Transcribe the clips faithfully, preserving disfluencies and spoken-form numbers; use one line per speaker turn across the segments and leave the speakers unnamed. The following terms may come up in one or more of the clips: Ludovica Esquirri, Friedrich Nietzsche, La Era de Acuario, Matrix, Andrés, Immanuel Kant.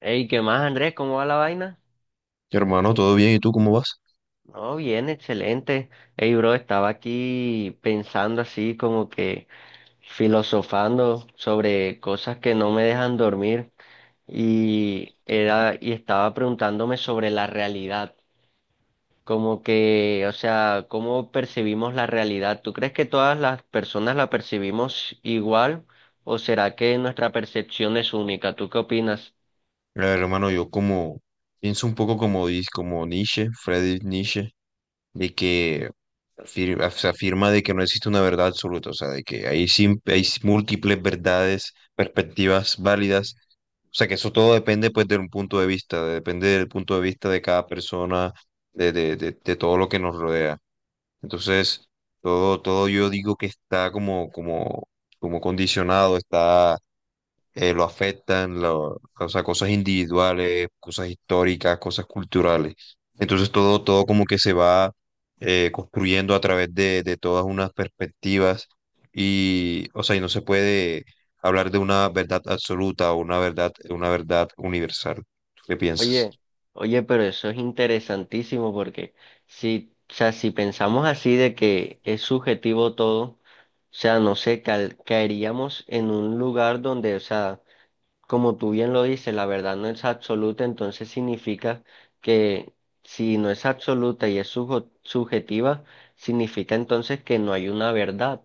Hey, ¿qué más, Andrés? ¿Cómo va la vaina?
Hermano, ¿todo bien? ¿Y tú cómo vas?
No, bien, excelente. Hey, bro, estaba aquí pensando así como que filosofando sobre cosas que no me dejan dormir y era y estaba preguntándome sobre la realidad, como que, o sea, ¿cómo percibimos la realidad? ¿Tú crees que todas las personas la percibimos igual o será que nuestra percepción es única? ¿Tú qué opinas?
A ver, hermano, yo como pienso un poco como, dis- como Nietzsche, Friedrich Nietzsche, de que afir- af- se afirma de que no existe una verdad absoluta, o sea, de que hay, sim- hay s- múltiples verdades, perspectivas válidas, o sea, que eso todo depende pues de un punto de vista, depende del punto de vista de cada persona, de, de, de, de todo lo que nos rodea. Entonces, todo, todo yo digo que está como, como, como condicionado, eh, lo afectan, lo- o sea, cosas individuales, cosas históricas, cosas culturales. Entonces todo, todo como que se va eh, construyendo a través de, de todas unas perspectivas y, o sea, y no se puede hablar de una verdad absoluta o una verdad, una verdad universal. ¿Qué piensas?
Oye, oye, pero eso es interesantísimo porque si, o sea, si pensamos así de que es subjetivo todo, o sea, no sé, cal- caeríamos en un lugar donde, o sea, como tú bien lo dices, la verdad no es absoluta, entonces significa que si no es absoluta y es sujo- subjetiva, significa entonces que no hay una verdad,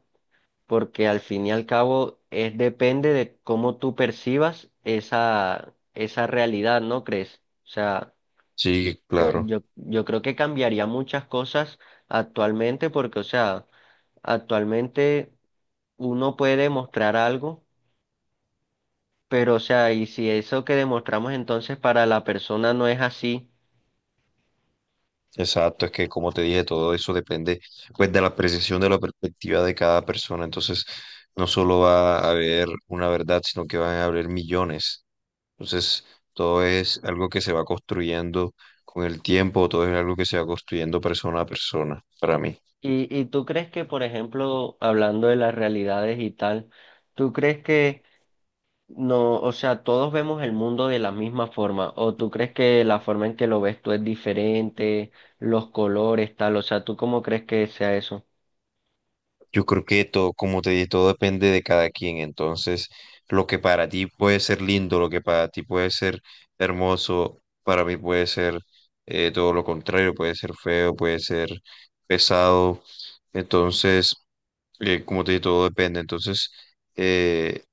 porque al fin y al cabo es depende de cómo tú percibas esa, esa realidad, ¿no crees? O sea,
Sí,
que
claro.
Yo, yo creo que cambiaría muchas cosas actualmente porque, o sea, actualmente uno puede demostrar algo, pero, o sea, y si eso que demostramos entonces para la persona no es así.
Exacto, es que como te dije, todo eso depende pues de la apreciación de la perspectiva de cada persona. Entonces, no solo va a haber una verdad, sino que van a haber millones. Entonces, todo es algo que se va construyendo con el tiempo, todo es algo que se va construyendo persona a persona, para mí.
Y, y tú crees que, por ejemplo, hablando de las realidades y tal, ¿tú crees que no, o sea, todos vemos el mundo de la misma forma, o tú crees que la forma en que lo ves tú es diferente, los colores, tal, o sea, ¿tú cómo crees que sea eso?
Yo creo que todo, como te dije, todo depende de cada quien. Entonces, lo que para ti puede ser lindo, lo que para ti puede ser hermoso, para mí puede ser eh, todo lo contrario, puede ser feo, puede ser pesado. Entonces, eh, como te dije, todo depende. Entonces, eh,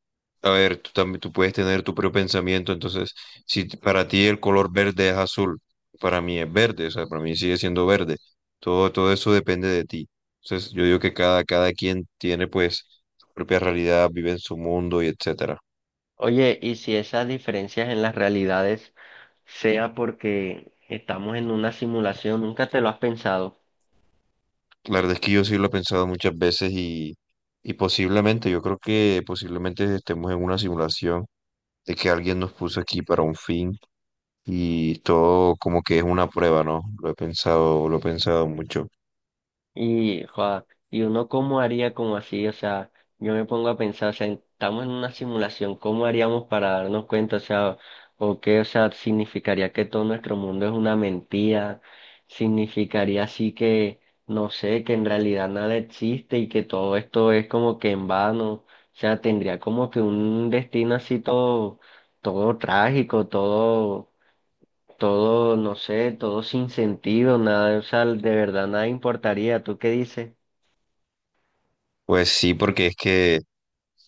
a ver, tú también tú puedes tener tu propio pensamiento. Entonces, si t- para ti el color verde es azul, para mí es verde, o sea, para mí sigue siendo verde. Todo, todo eso depende de ti. Entonces, yo digo que cada, cada quien tiene pues su propia realidad, vive en su mundo y etcétera.
Oye, y si esas diferencias en las realidades sea porque estamos en una simulación, ¿nunca te lo has pensado?
La verdad es que yo sí lo he pensado muchas veces y, y posiblemente, yo creo que posiblemente estemos en una simulación, de que alguien nos puso aquí para un fin y todo como que es una prueba, ¿no? Lo he pensado, lo he pensado mucho.
Y, joda, y uno cómo haría como así, o sea, yo me pongo a pensar, o sea, estamos en una simulación, ¿cómo haríamos para darnos cuenta? O sea, o qué, o sea, significaría que todo nuestro mundo es una mentira, significaría así que, no sé, que en realidad nada existe y que todo esto es como que en vano, o sea, tendría como que un destino así todo, todo trágico, todo todo, no sé, todo sin sentido, nada, o sea, de verdad nada importaría. ¿Tú qué dices?
Pues sí, porque es que,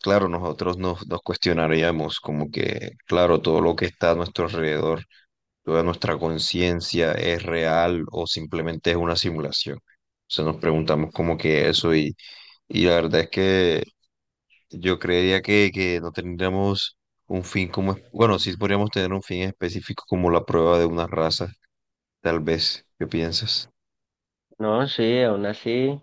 claro, nosotros nos, nos cuestionaríamos como que, claro, todo lo que está a nuestro alrededor, toda nuestra conciencia es real o simplemente es una simulación. O sea, nos preguntamos como que eso y, y la verdad es que yo creería que, que no tendríamos un fin como, es- bueno, sí podríamos tener un fin específico como la prueba de una raza, tal vez. ¿Qué piensas?
No, sí, aún así,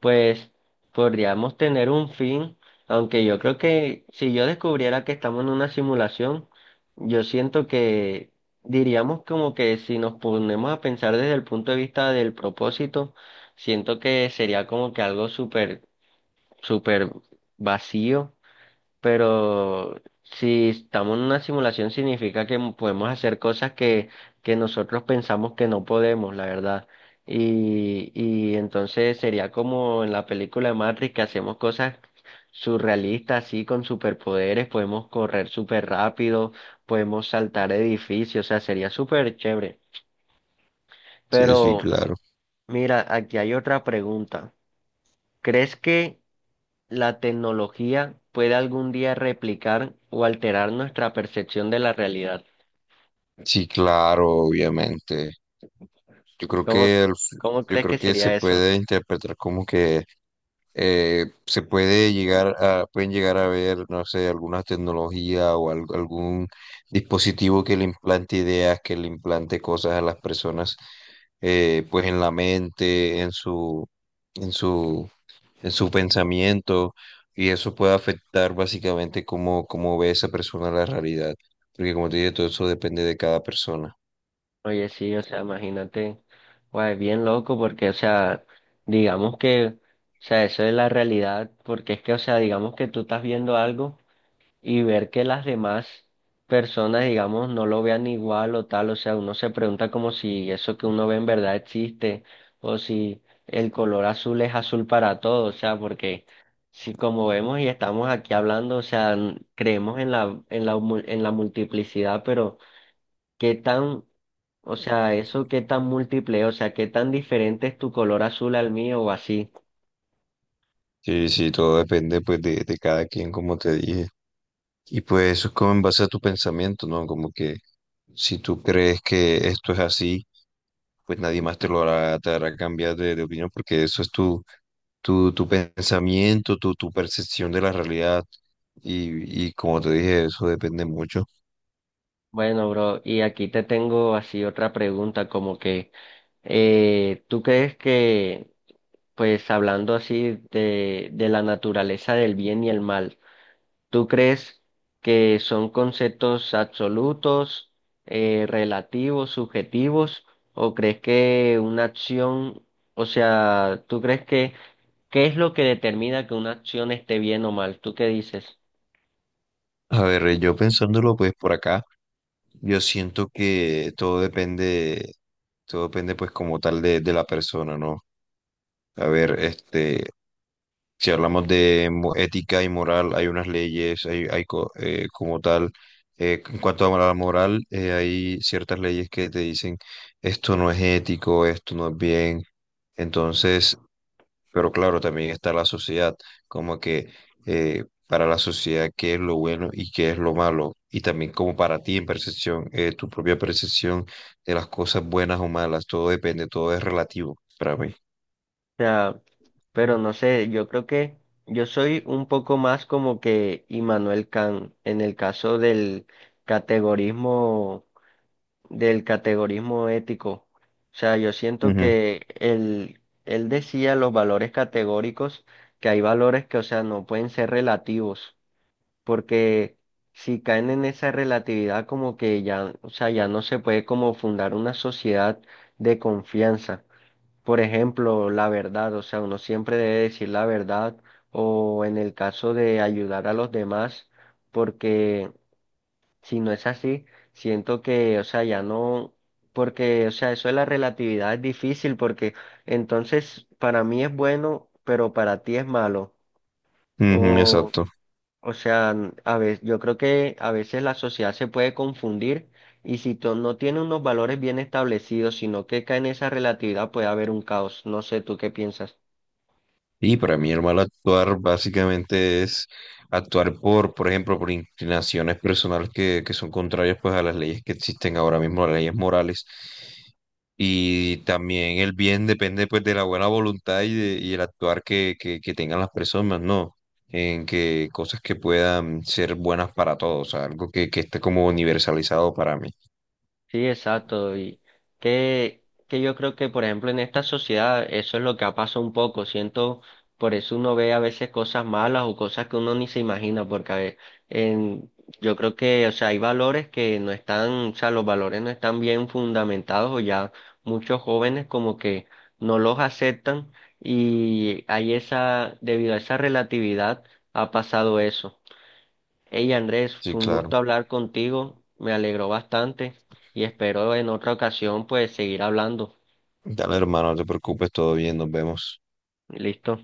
pues podríamos tener un fin, aunque yo creo que si yo descubriera que estamos en una simulación, yo siento que diríamos como que si nos ponemos a pensar desde el punto de vista del propósito, siento que sería como que algo súper, súper vacío. Pero si estamos en una simulación significa que podemos hacer cosas que, que nosotros pensamos que no podemos, la verdad. Y, y entonces sería como en la película de Matrix, que hacemos cosas surrealistas, así con superpoderes, podemos correr súper rápido, podemos saltar edificios, o sea, sería súper chévere.
Sí, sí,
Pero
claro.
mira, aquí hay otra pregunta. ¿Crees que la tecnología puede algún día replicar o alterar nuestra percepción de la realidad?
Sí, claro, obviamente. Yo creo
¿Cómo,
que el f-
cómo
yo
crees que
creo que se
sería eso?
puede interpretar como que eh, se puede llegar a, pueden llegar a ver, no sé, alguna tecnología o al- algún dispositivo que le implante ideas, que le implante cosas a las personas, eh, pues en la mente, en su, en su, en su pensamiento. Y eso puede afectar básicamente cómo, cómo ve esa persona la realidad. Porque como te dije, todo eso depende de cada persona.
Oye, sí, o sea, imagínate, guay, bien loco porque, o sea, digamos que, o sea, eso es la realidad, porque es que, o sea, digamos que tú estás viendo algo, y ver que las demás personas, digamos, no lo vean igual o tal, o sea, uno se pregunta como si eso que uno ve en verdad existe o si el color azul es azul para todos, o sea, porque si como vemos y estamos aquí hablando, o sea, n- creemos en la en la mu- en la multiplicidad, pero qué tan, o sea, eso qué tan múltiple, o sea, qué tan diferente es tu color azul al mío o así.
Sí, sí, todo depende pues de, de cada quien, como te dije. Y pues eso es como en base a tu pensamiento, ¿no? Como que si tú crees que esto es así, pues nadie más te lo hará, te hará cambiar de, de opinión porque eso es tu, tu, tu pensamiento, tu, tu percepción de la realidad. Y, y como te dije, eso depende mucho.
Bueno, bro, y aquí te tengo así otra pregunta, como que, eh, ¿tú crees que, pues hablando así de, de la naturaleza del bien y el mal, ¿tú crees que son conceptos absolutos, eh, relativos, subjetivos, o crees que una acción, o sea, ¿tú crees que, qué es lo que determina que una acción esté bien o mal? ¿Tú qué dices?
A ver, yo pensándolo pues por acá. Yo siento que todo depende, todo depende pues como tal de, de la persona, ¿no? A ver, este, si hablamos de mo- ética y moral, hay unas leyes, hay, hay co- eh, como tal, eh, en cuanto a la moral, eh, hay ciertas leyes que te dicen esto no es ético, esto no es bien. Entonces, pero claro, también está la sociedad, como que eh, para la sociedad qué es lo bueno y qué es lo malo, y también como para ti en percepción, eh, tu propia percepción de las cosas buenas o malas, todo depende, todo es relativo para mí.
Sea, pero no sé, yo creo que yo soy un poco más como que Immanuel Kant en el caso del categorismo, del categorismo ético. O sea, yo siento
Ujú,
que él, él decía los valores categóricos, que hay valores que, o sea, no pueden ser relativos, porque si caen en esa relatividad como que ya, o sea, ya no se puede como fundar una sociedad de confianza. Por ejemplo, la verdad, o sea, uno siempre debe decir la verdad o en el caso de ayudar a los demás, porque si no es así, siento que, o sea, ya no, porque, o sea, eso de la relatividad es difícil porque entonces para mí es bueno, pero para ti es malo.
ujú,
O,
exacto.
o sea, a veces, yo creo que a veces la sociedad se puede confundir y si to- no tiene unos valores bien establecidos, sino que cae en esa relatividad, puede haber un caos. No sé, ¿tú qué piensas?
Y para mí el mal actuar básicamente es actuar por, por ejemplo, por inclinaciones personales que, que son contrarias pues a las leyes que existen ahora mismo, las leyes morales. Y también el bien depende pues de la buena voluntad y, de- y el actuar que, que, que tengan las personas, ¿no? En que cosas que puedan ser buenas para todos, o sea, algo que, que esté como universalizado para mí.
Sí, exacto. Y que, que yo creo que, por ejemplo, en esta sociedad eso es lo que ha pasado un poco. Siento, por eso uno ve a veces cosas malas o cosas que uno ni se imagina, porque a ve- en, yo creo que, o sea, hay valores que no están, o sea, los valores no están bien fundamentados, o ya muchos jóvenes como que no los aceptan y hay esa, debido a esa relatividad, ha pasado eso. Hey, Andrés,
Sí,
fue un gusto
claro.
hablar contigo, me alegró bastante y espero en otra ocasión pues seguir hablando.
Dale, hermano, no te preocupes, todo bien, nos vemos.
Listo.